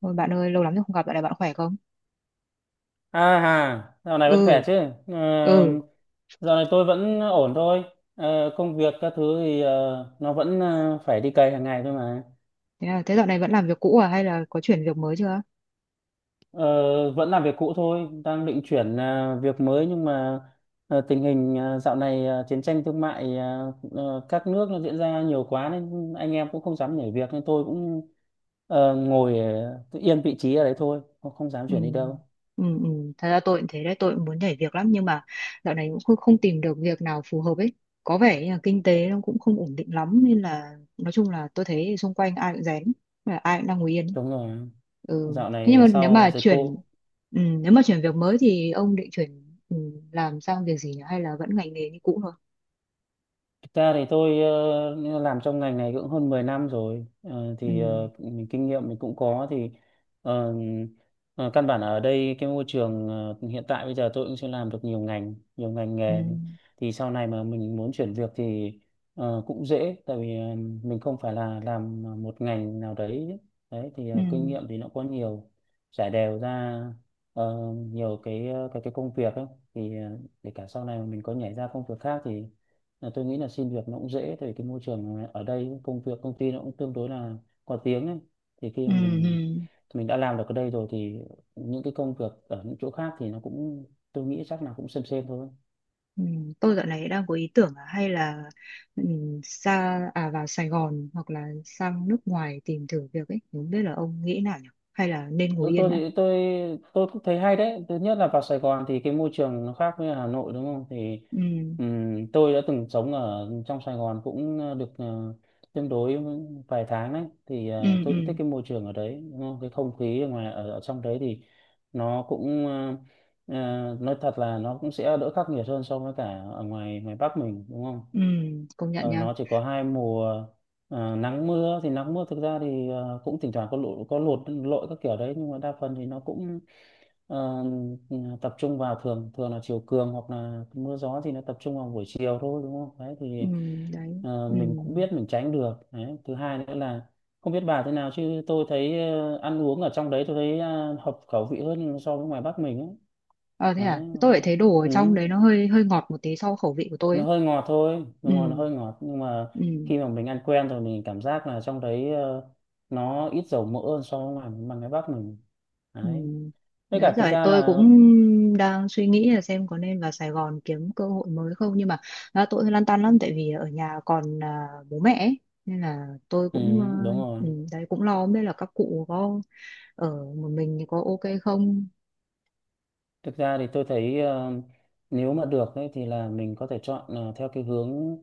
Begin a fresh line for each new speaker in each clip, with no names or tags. Ôi bạn ơi, lâu lắm rồi không gặp, dạo này bạn khỏe không?
À hà, dạo này vẫn khỏe
Ừ,
chứ? Ờ,
ừ.
dạo này tôi vẫn ổn thôi. Công việc các thứ thì nó vẫn phải đi cày hàng ngày thôi mà.
Thế dạo này vẫn làm việc cũ à hay là có chuyển việc mới chưa?
Ờ, vẫn làm việc cũ thôi, đang định chuyển việc mới, nhưng mà tình hình dạo này chiến tranh thương mại các nước nó diễn ra nhiều quá nên anh em cũng không dám nhảy việc, nên tôi cũng ngồi cứ yên vị trí ở đấy thôi, không không dám
Ừ.
chuyển đi đâu.
Ừ, ừ. Thật ra tôi cũng thế đấy, tôi cũng muốn nhảy việc lắm nhưng mà dạo này cũng không tìm được việc nào phù hợp ấy. Có vẻ như là kinh tế nó cũng không ổn định lắm nên là nói chung là tôi thấy xung quanh ai cũng rén, là ai cũng đang ngồi yên.
Đúng rồi,
Ừ.
dạo
Thế nhưng
này
mà nếu
sau
mà
dịch
chuyển
cô.
ừ, nếu mà chuyển việc mới thì ông định chuyển làm sang việc gì nhỉ? Hay là vẫn ngành nghề như cũ thôi?
Thực ra thì tôi làm trong ngành này cũng hơn 10 năm rồi.
Ừ.
Mình kinh nghiệm mình cũng có thì ờ, căn bản ở đây cái môi trường hiện tại bây giờ tôi cũng sẽ làm được nhiều ngành
Ừ.
nghề, thì sau này mà mình muốn chuyển việc thì cũng dễ, tại vì mình không phải là làm một ngành nào đấy. Đấy thì
Ừ.
kinh nghiệm thì nó có nhiều, trải đều ra nhiều cái cái công việc ấy. Thì để cả sau này mà mình có nhảy ra công việc khác thì là tôi nghĩ là xin việc nó cũng dễ, tại vì cái môi trường ở đây, công việc công ty nó cũng tương đối là có tiếng ấy. Thì khi
Ừ,
mà mình
ừ,
mình đã làm được ở đây rồi thì những cái công việc ở những chỗ khác thì nó cũng, tôi nghĩ chắc là cũng xem thôi.
ừ. Tôi dạo này đang có ý tưởng là hay là ừ, xa à vào Sài Gòn hoặc là sang nước ngoài tìm thử việc ấy, không biết là ông nghĩ nào nhỉ? Hay là nên ngồi
Ừ,
yên
tôi
đã?
thì tôi tôi cũng thấy hay đấy. Thứ nhất là vào Sài Gòn thì cái môi trường nó khác với Hà Nội, đúng không? Thì
Ừ,
tôi đã từng sống ở trong Sài Gòn cũng được tương đối vài tháng đấy. Thì
ừ, ừ,
tôi cũng thích cái môi trường ở đấy, đúng không? Cái không khí ở ngoài ở trong đấy thì nó cũng nói thật là nó cũng sẽ đỡ khắc nghiệt hơn so với cả ở ngoài ngoài Bắc mình, đúng không.
ừ, công nhận
Ờ,
nha.
nó chỉ có 2 mùa, nắng mưa. Thì nắng mưa thực ra thì cũng thỉnh thoảng có lụt lội các kiểu đấy, nhưng mà đa phần thì nó cũng ờ, tập trung vào, thường thường là chiều cường, hoặc là mưa gió thì nó tập trung vào buổi chiều thôi, đúng không? Đấy
Ừ,
thì
đấy. Ừ.
mình cũng biết mình tránh được. Đấy. Thứ hai nữa là, không biết bà thế nào chứ tôi thấy ăn uống ở trong đấy tôi thấy hợp khẩu vị hơn so với ngoài Bắc mình ấy.
Ờ, thế
Đấy.
à? Tôi lại thấy đồ ở
Ừ,
trong đấy nó hơi hơi ngọt một tí so với khẩu vị của tôi ấy.
nó hơi ngọt thôi,
Ừ,
nó hơi ngọt, nhưng mà
ừ.
khi mà mình ăn quen rồi mình cảm giác là trong đấy nó ít dầu mỡ hơn so với ngoài bằng cái Bắc mình.
Ừ.
Đấy. Với
Đấy
cả thực
rồi
ra
tôi
là,
cũng đang suy nghĩ là xem có nên vào Sài Gòn kiếm cơ hội mới không nhưng mà tôi lăn tăn lắm tại vì ở nhà còn bố mẹ ấy. Nên là tôi
ừ,
cũng
đúng rồi,
đấy cũng lo không biết là các cụ có ở một mình thì có ok không.
thực ra thì tôi thấy nếu mà được ấy, thì là mình có thể chọn theo cái hướng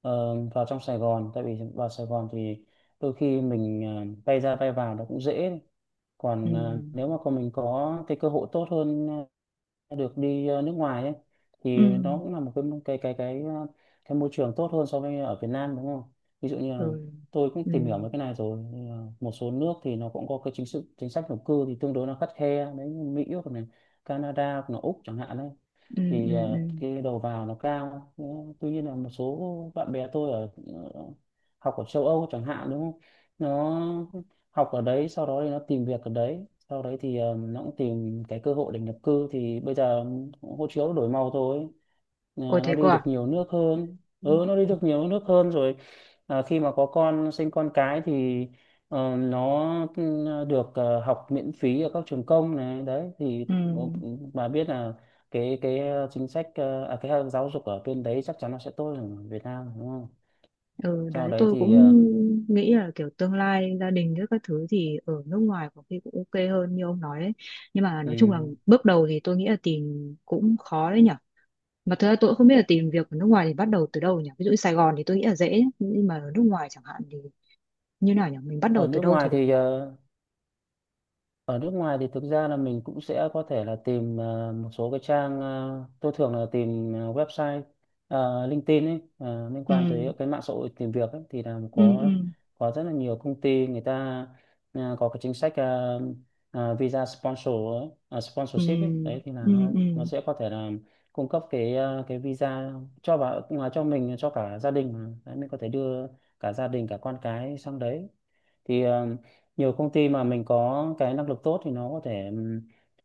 vào trong Sài Gòn, tại vì vào Sài Gòn thì đôi khi mình bay ra bay vào nó cũng dễ.
Ừ.
Còn nếu mà còn mình có cái cơ hội tốt hơn, được đi nước ngoài ấy,
Ừ.
thì nó cũng là một cái môi trường tốt hơn so với ở Việt Nam, đúng không? Ví dụ như là,
Ừ.
tôi cũng
Ừ.
tìm hiểu mấy cái này rồi, nhưng mà một số nước thì nó cũng có cái chính sách nhập cư thì tương đối nó khắt khe đấy, như Mỹ, hoặc này Canada, hoặc là Úc chẳng hạn. Đấy
Ừ. Ừ.
thì
Ừ.
cái đầu vào nó cao. Ờ, tuy nhiên là một số bạn bè tôi ở ờ, học ở châu Âu chẳng hạn, đúng không, nó học ở đấy, sau đó thì nó tìm việc ở đấy, sau đấy thì nó cũng tìm cái cơ hội để nhập cư. Thì bây giờ hộ chiếu nó đổi màu thôi. Ờ,
Ôi
nó
thế cơ
đi được
à.
nhiều nước hơn, ừ, nó đi
Ừ.
được nhiều nước hơn rồi. À, khi mà có con, sinh con cái thì nó, ừ, được học miễn phí ở các trường công này. Đấy thì
Ừ.
ờ, bà biết là chính sách cái giáo dục ở bên đấy chắc chắn nó sẽ tốt hơn ở Việt Nam, đúng không.
Ừ,
Sau
đấy
đấy
tôi
thì
cũng nghĩ là kiểu tương lai gia đình với các thứ thì ở nước ngoài có khi cũng ok hơn như ông nói ấy. Nhưng mà nói chung là
ừ,
bước đầu thì tôi nghĩ là tìm cũng khó đấy nhở. Mà thực ra tôi cũng không biết là tìm việc ở nước ngoài thì bắt đầu từ đâu nhỉ? Ví dụ như Sài Gòn thì tôi nghĩ là dễ, nhưng mà ở nước ngoài chẳng hạn thì như nào nhỉ? Mình bắt đầu
ở
từ
nước
đâu
ngoài
thì được
thì
nhỉ?
thực ra là mình cũng sẽ có thể là tìm một số cái trang. Ờ, tôi thường là tìm website LinkedIn ấy, liên quan tới
Ừ.
cái mạng xã hội tìm việc ấy. Thì là
Ừ. Ừ.
có rất là nhiều công ty người ta có cái chính sách visa sponsor ấy,
Ừ.
sponsorship ấy. Đấy thì là
Ừ.
nó
Ừ.
nó sẽ có thể là cung cấp cái cái visa cho vào ngoài cho mình, cho cả gia đình mà. Đấy, mình có thể đưa cả gia đình, cả con cái sang đấy. Thì nhiều công ty mà mình có cái năng lực tốt thì nó có thể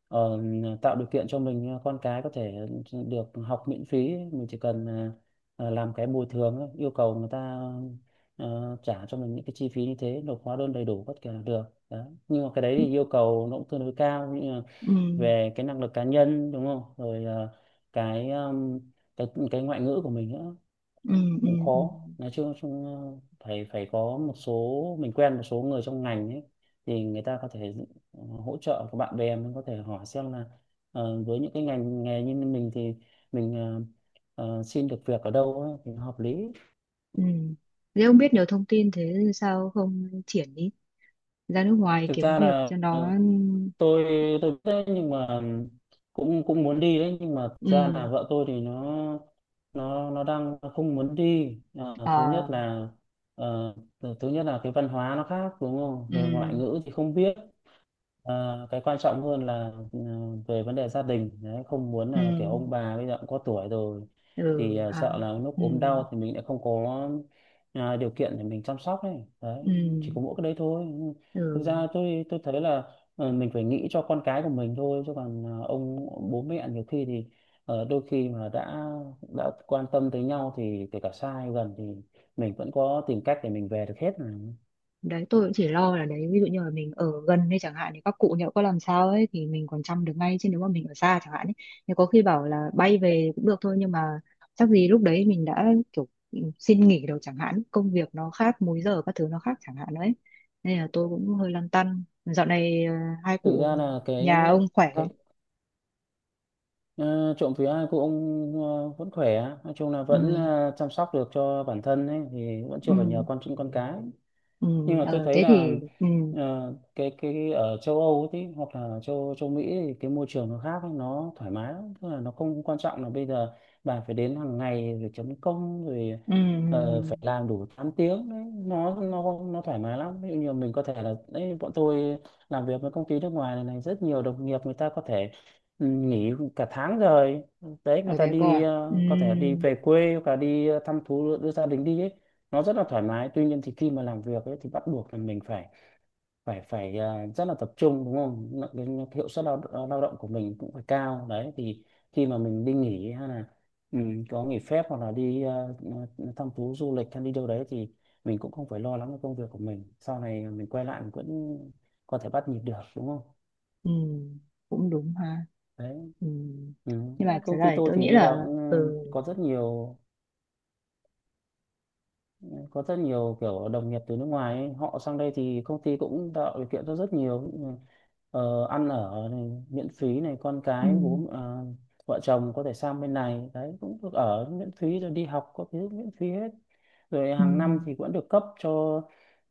tạo điều kiện cho mình, con cái có thể được học miễn phí. Mình chỉ cần làm cái bồi thường ấy, yêu cầu người ta trả cho mình những cái chi phí như thế, nộp hóa đơn đầy đủ tất cả là được đó. Nhưng mà cái đấy thì yêu cầu nó cũng tương đối cao
Ừ.
về cái năng lực cá nhân, đúng không, rồi cái cái ngoại ngữ của mình nữa.
Ừ.
Đấy,
Ừ.
cũng
Ừ.
khó. Nói chung, chung phải phải có một số, mình quen một số người trong ngành ấy, thì người ta có thể hỗ trợ. Của bạn bè mình có thể hỏi xem là với những cái ngành nghề như mình thì mình xin được việc ở đâu ấy, thì hợp lý.
Ừ. Thế ông biết nhiều thông tin thế sao không triển đi ra nước ngoài
Thực
kiếm
ra
việc
là
cho nó?
tôi tôi biết đấy, nhưng mà cũng cũng muốn đi đấy, nhưng mà thực ra là
Ừ.
vợ tôi thì nó đang không muốn đi. Ờ, thứ
Ờ.
nhất là ờ, thứ thứ nhất là cái văn hóa nó khác, đúng không,
Ừ.
rồi ngoại ngữ thì không biết. À, cái quan trọng hơn là, ừ, về vấn đề gia đình đấy, không muốn
Ừ.
là kiểu ông bà bây giờ cũng có tuổi rồi
Ừ
thì à,
ha.
sợ là lúc
Ừ.
ốm đau thì mình lại không có à, điều kiện để mình chăm sóc ấy. Đấy,
Ừ.
chỉ có mỗi cái đấy thôi. Thực
Ừ.
ra tôi thấy là mình phải nghĩ cho con cái của mình thôi, chứ còn à, ông bố mẹ nhiều khi thì đôi khi mà đã quan tâm tới nhau thì kể cả xa hay gần thì mình vẫn có tìm cách để mình về được hết mà.
Đấy tôi cũng chỉ lo là đấy ví dụ như là mình ở gần hay chẳng hạn thì các cụ nhỡ có làm sao ấy thì mình còn chăm được ngay chứ nếu mà mình ở xa chẳng hạn ấy thì có khi bảo là bay về cũng được thôi nhưng mà chắc gì lúc đấy mình đã kiểu xin nghỉ đâu chẳng hạn công việc nó khác múi giờ các thứ nó khác chẳng hạn đấy nên là tôi cũng hơi lăn tăn dạo này hai
Thực
cụ
ra là
nhà ông khỏe không?
cái Ờ, trộm vía cô ông vẫn khỏe, nói chung là
Ừ.
vẫn chăm sóc được cho bản thân ấy, thì vẫn
Ừ.
chưa phải nhờ con cái.
Ừ.
Nhưng mà tôi
Ờ
thấy
thế thì.
là
Ừ.
cái ở châu Âu ấy tí, hoặc là châu châu Mỹ thì cái môi trường nó khác ấy, nó thoải mái lắm, tức là nó không quan trọng là bây giờ bà phải đến hàng ngày rồi chấm công rồi
Ừ. Ừ.
phải làm đủ 8 tiếng. Đấy, nó nó thoải mái lắm. Ví dụ như mình có thể là, đấy, bọn tôi làm việc với công ty nước ngoài này, rất nhiều đồng nghiệp người ta có thể, ừ, nghỉ cả tháng rồi. Đấy, người
Ở
ta
đấy coi
đi
à? Ừ.
có thể đi về quê, hoặc là đi thăm thú đưa gia đình đi ấy. Nó rất là thoải mái. Tuy nhiên thì khi mà làm việc ấy, thì bắt buộc là mình phải phải phải à, rất là tập trung, đúng không. Cái hiệu suất lao động của mình cũng phải cao. Đấy thì khi mà mình đi nghỉ, hay là, ừ, có nghỉ phép, hoặc là đi à, thăm thú du lịch, hay đi đâu đấy, thì mình cũng không phải lo lắng về công việc của mình. Sau này mình quay lại mình vẫn có thể bắt nhịp được, đúng không.
Ừ. Cũng đúng ha.
Đấy.
Ừ.
Ừ.
Nhưng mà
Đấy,
trở
công ty
lại
tôi
tôi
thì
nghĩ
bây
là.
giờ cũng
Ừ.
có rất nhiều, có rất nhiều kiểu đồng nghiệp từ nước ngoài ấy. Họ sang đây thì công ty cũng tạo điều kiện cho rất nhiều ăn ở này, miễn phí này, con
Ừ.
cái, bố, vợ chồng có thể sang bên này đấy cũng được ở miễn phí, rồi đi học có thứ miễn phí hết, rồi
Ừ.
hàng năm thì vẫn được cấp cho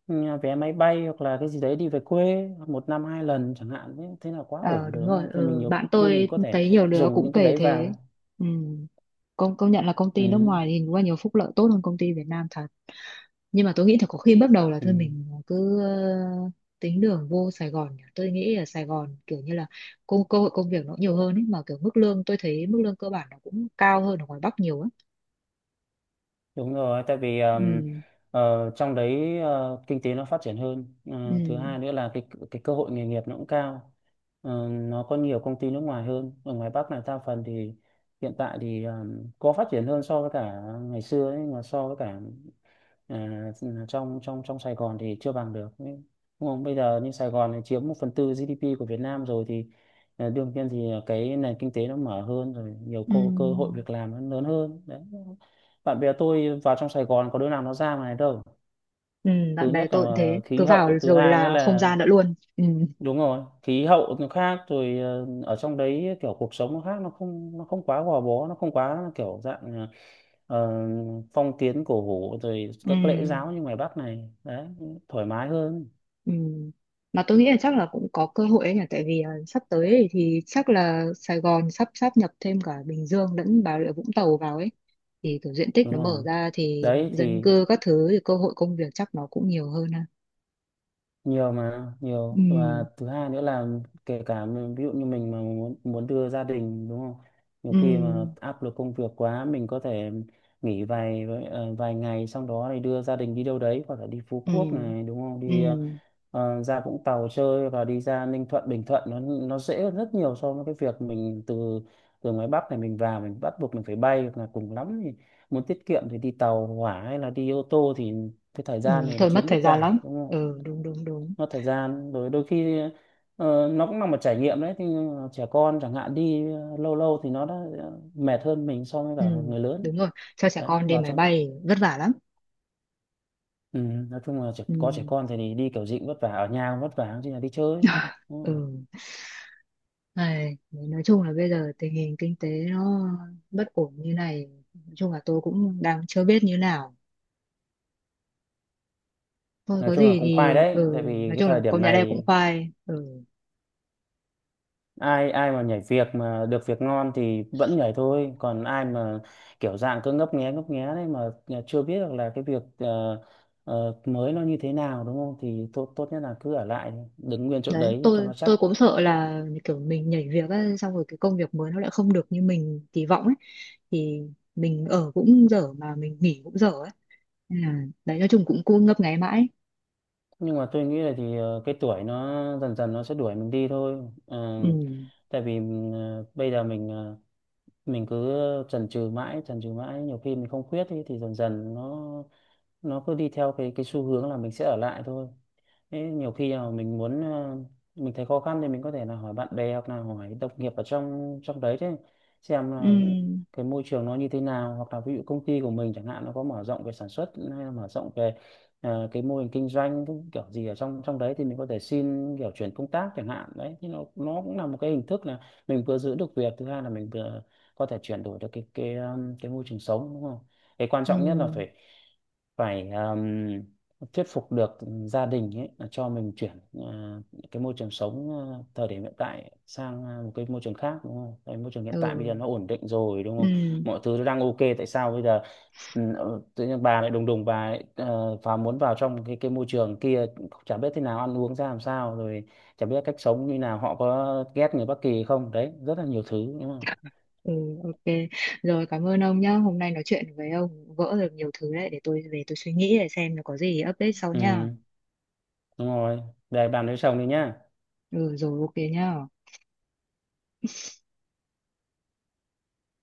vé máy bay hoặc là cái gì đấy đi về quê một năm hai lần chẳng hạn. Thế, thế là quá
Ờ
ổn rồi
đúng
đúng
rồi.
không? Thì mình
Ừ.
nhiều
Bạn
khi
tôi
mình có thể
thấy nhiều đứa
dùng
cũng
những cái
kể
đấy
thế.
vào.
Ừ. công công nhận là công
Ừ.
ty nước ngoài thì đúng là nhiều phúc lợi tốt hơn công ty Việt Nam thật. Nhưng mà tôi nghĩ là có khi bước đầu là
Ừ.
thôi mình cứ tính đường vô Sài Gòn nhỉ. Tôi nghĩ ở Sài Gòn kiểu như là cơ hội công việc nó nhiều hơn ấy mà kiểu mức lương tôi thấy mức lương cơ bản nó cũng cao hơn ở ngoài Bắc nhiều á.
Đúng rồi, tại vì
Ừ.
trong đấy kinh tế nó phát triển hơn.
Ừ.
Ờ, Thứ hai nữa là cái cơ hội nghề nghiệp nó cũng cao. Nó có nhiều công ty nước ngoài hơn. Ở ngoài Bắc này đa phần thì hiện tại thì có phát triển hơn so với cả ngày xưa ấy, mà so với cả à, trong trong trong Sài Gòn thì chưa bằng được, đúng không? Bây giờ như Sài Gòn này chiếm một phần tư GDP của Việt Nam rồi, thì đương nhiên thì cái nền kinh tế nó mở hơn rồi, nhiều cơ cơ hội
Ừ.
việc làm nó lớn hơn đấy. Bạn bè tôi vào trong Sài Gòn có đứa nào nó ra ngoài đâu.
Ừ.
Thứ
Bạn bè
nhất là
tôi cũng thế
khí
cứ vào
hậu, thứ
rồi
hai nữa
là không
là,
ra nữa luôn. Ừ.
đúng rồi, khí hậu nó khác rồi. Ờ, Ở trong đấy kiểu cuộc sống nó khác, nó không quá gò bó, nó không quá kiểu dạng ờ, phong kiến cổ hủ rồi các lễ giáo
Ừ.
như ngoài Bắc này đấy, thoải mái hơn.
Ừ. Mà tôi nghĩ là chắc là cũng có cơ hội ấy nhỉ tại vì sắp tới ấy thì chắc là Sài Gòn sắp sáp nhập thêm cả Bình Dương lẫn Bà Rịa Vũng Tàu vào ấy thì kiểu diện tích
Đúng
nó mở
rồi,
ra thì
đấy
dân
thì
cư các thứ thì cơ hội công việc chắc nó cũng nhiều hơn ha.
nhiều, mà nhiều, và
Ừ.
thứ hai nữa là kể cả ví dụ như mình mà muốn muốn đưa gia đình, đúng không? Nhiều
Ừ.
khi mà áp lực công việc quá, mình có thể nghỉ vài ngày, xong đó thì đưa gia đình đi đâu đấy, hoặc là đi Phú
Ừ.
Quốc này đúng không,
Ừ.
đi ra Vũng Tàu chơi, và đi ra Ninh Thuận, Bình Thuận, nó dễ hơn rất nhiều so với cái việc mình từ từ ngoài Bắc này mình vào, mình bắt buộc mình phải bay hoặc là cùng lắm thì muốn tiết kiệm thì đi tàu hỏa hay là đi ô tô, thì cái thời
Ừ.
gian này nó
Thôi mất
chiếm
thời
rất
gian lắm.
dài, đúng không?
Ừ. Đúng đúng đúng.
Mất thời gian rồi, đôi khi nó cũng là một trải nghiệm đấy, thì trẻ con chẳng hạn đi lâu lâu thì nó đã mệt hơn mình so với cả
Ừ.
người lớn.
Đúng rồi. Cho trẻ
Đấy,
con đi
vào
máy
trong,
bay vất vả lắm.
ừ, nói chung là trẻ,
Ừ.
có trẻ con thì đi kiểu gì cũng vất vả, ở nhà cũng vất vả chứ là đi chơi. Ừ.
Ừ. Này, đấy, nói chung là bây giờ tình hình kinh tế nó bất ổn như này, nói chung là tôi cũng đang chưa biết như nào. Thôi
Nói
có
chung là
gì
cũng
thì
khoai đấy, tại vì
nói
cái
chung
thời
là
điểm
công nhà đây cũng
này
khoai. Ừ.
ai ai mà nhảy việc mà được việc ngon thì vẫn nhảy thôi, còn ai mà kiểu dạng cứ ngấp nghé đấy mà chưa biết được là cái việc mới nó như thế nào, đúng không, thì tốt tốt nhất là cứ ở lại, đứng nguyên chỗ
Đấy,
đấy cho
tôi
nó chắc.
tôi cũng sợ là kiểu mình nhảy việc ấy, xong rồi cái công việc mới nó lại không được như mình kỳ vọng ấy thì mình ở cũng dở mà mình nghỉ cũng dở ấy. Nên là đấy nói chung cũng cứ ngấp nghé mãi.
Nhưng mà tôi nghĩ là cái tuổi nó dần dần nó sẽ đuổi mình đi thôi. Ờ,
Ừ.
Tại vì bây giờ mình cứ chần chừ mãi, chần chừ mãi, nhiều khi mình không quyết ý, thì dần dần nó cứ đi theo cái xu hướng là mình sẽ ở lại thôi. Thế nhiều khi là mình thấy khó khăn thì mình có thể là hỏi bạn bè hoặc là hỏi đồng nghiệp ở trong trong đấy chứ, xem
Ừ.
là cái môi trường nó như thế nào, hoặc là ví dụ công ty của mình chẳng hạn nó có mở rộng về sản xuất hay là mở rộng về cái mô hình kinh doanh cái kiểu gì ở trong trong đấy, thì mình có thể xin kiểu chuyển công tác chẳng hạn, đấy thì nó cũng là một cái hình thức là mình vừa giữ được việc, thứ hai là mình vừa có thể chuyển đổi được cái môi trường sống, đúng không? Cái quan
Ừ.
trọng nhất là phải phải thuyết phục được gia đình ấy là cho mình chuyển cái môi trường sống thời điểm hiện tại sang một cái môi trường khác, đúng không? Cái môi trường hiện tại bây
Ừ.
giờ nó ổn định rồi đúng
Ừ.
không? Mọi thứ nó đang ok, tại sao bây giờ tự nhiên bà lại đùng đùng, bà lại muốn vào trong cái môi trường kia, chả biết thế nào, ăn uống ra làm sao, rồi chả biết cách sống như nào, họ có ghét người Bắc Kỳ không? Đấy, rất là nhiều thứ đúng không?
Ừ, ok. Rồi cảm ơn ông nhá. Hôm nay nói chuyện với ông vỡ được nhiều thứ đấy để tôi về tôi suy nghĩ để xem là có gì update sau nha.
Ừ, đúng rồi. Để bàn với chồng đi nhá.
Ừ rồi ok nhá.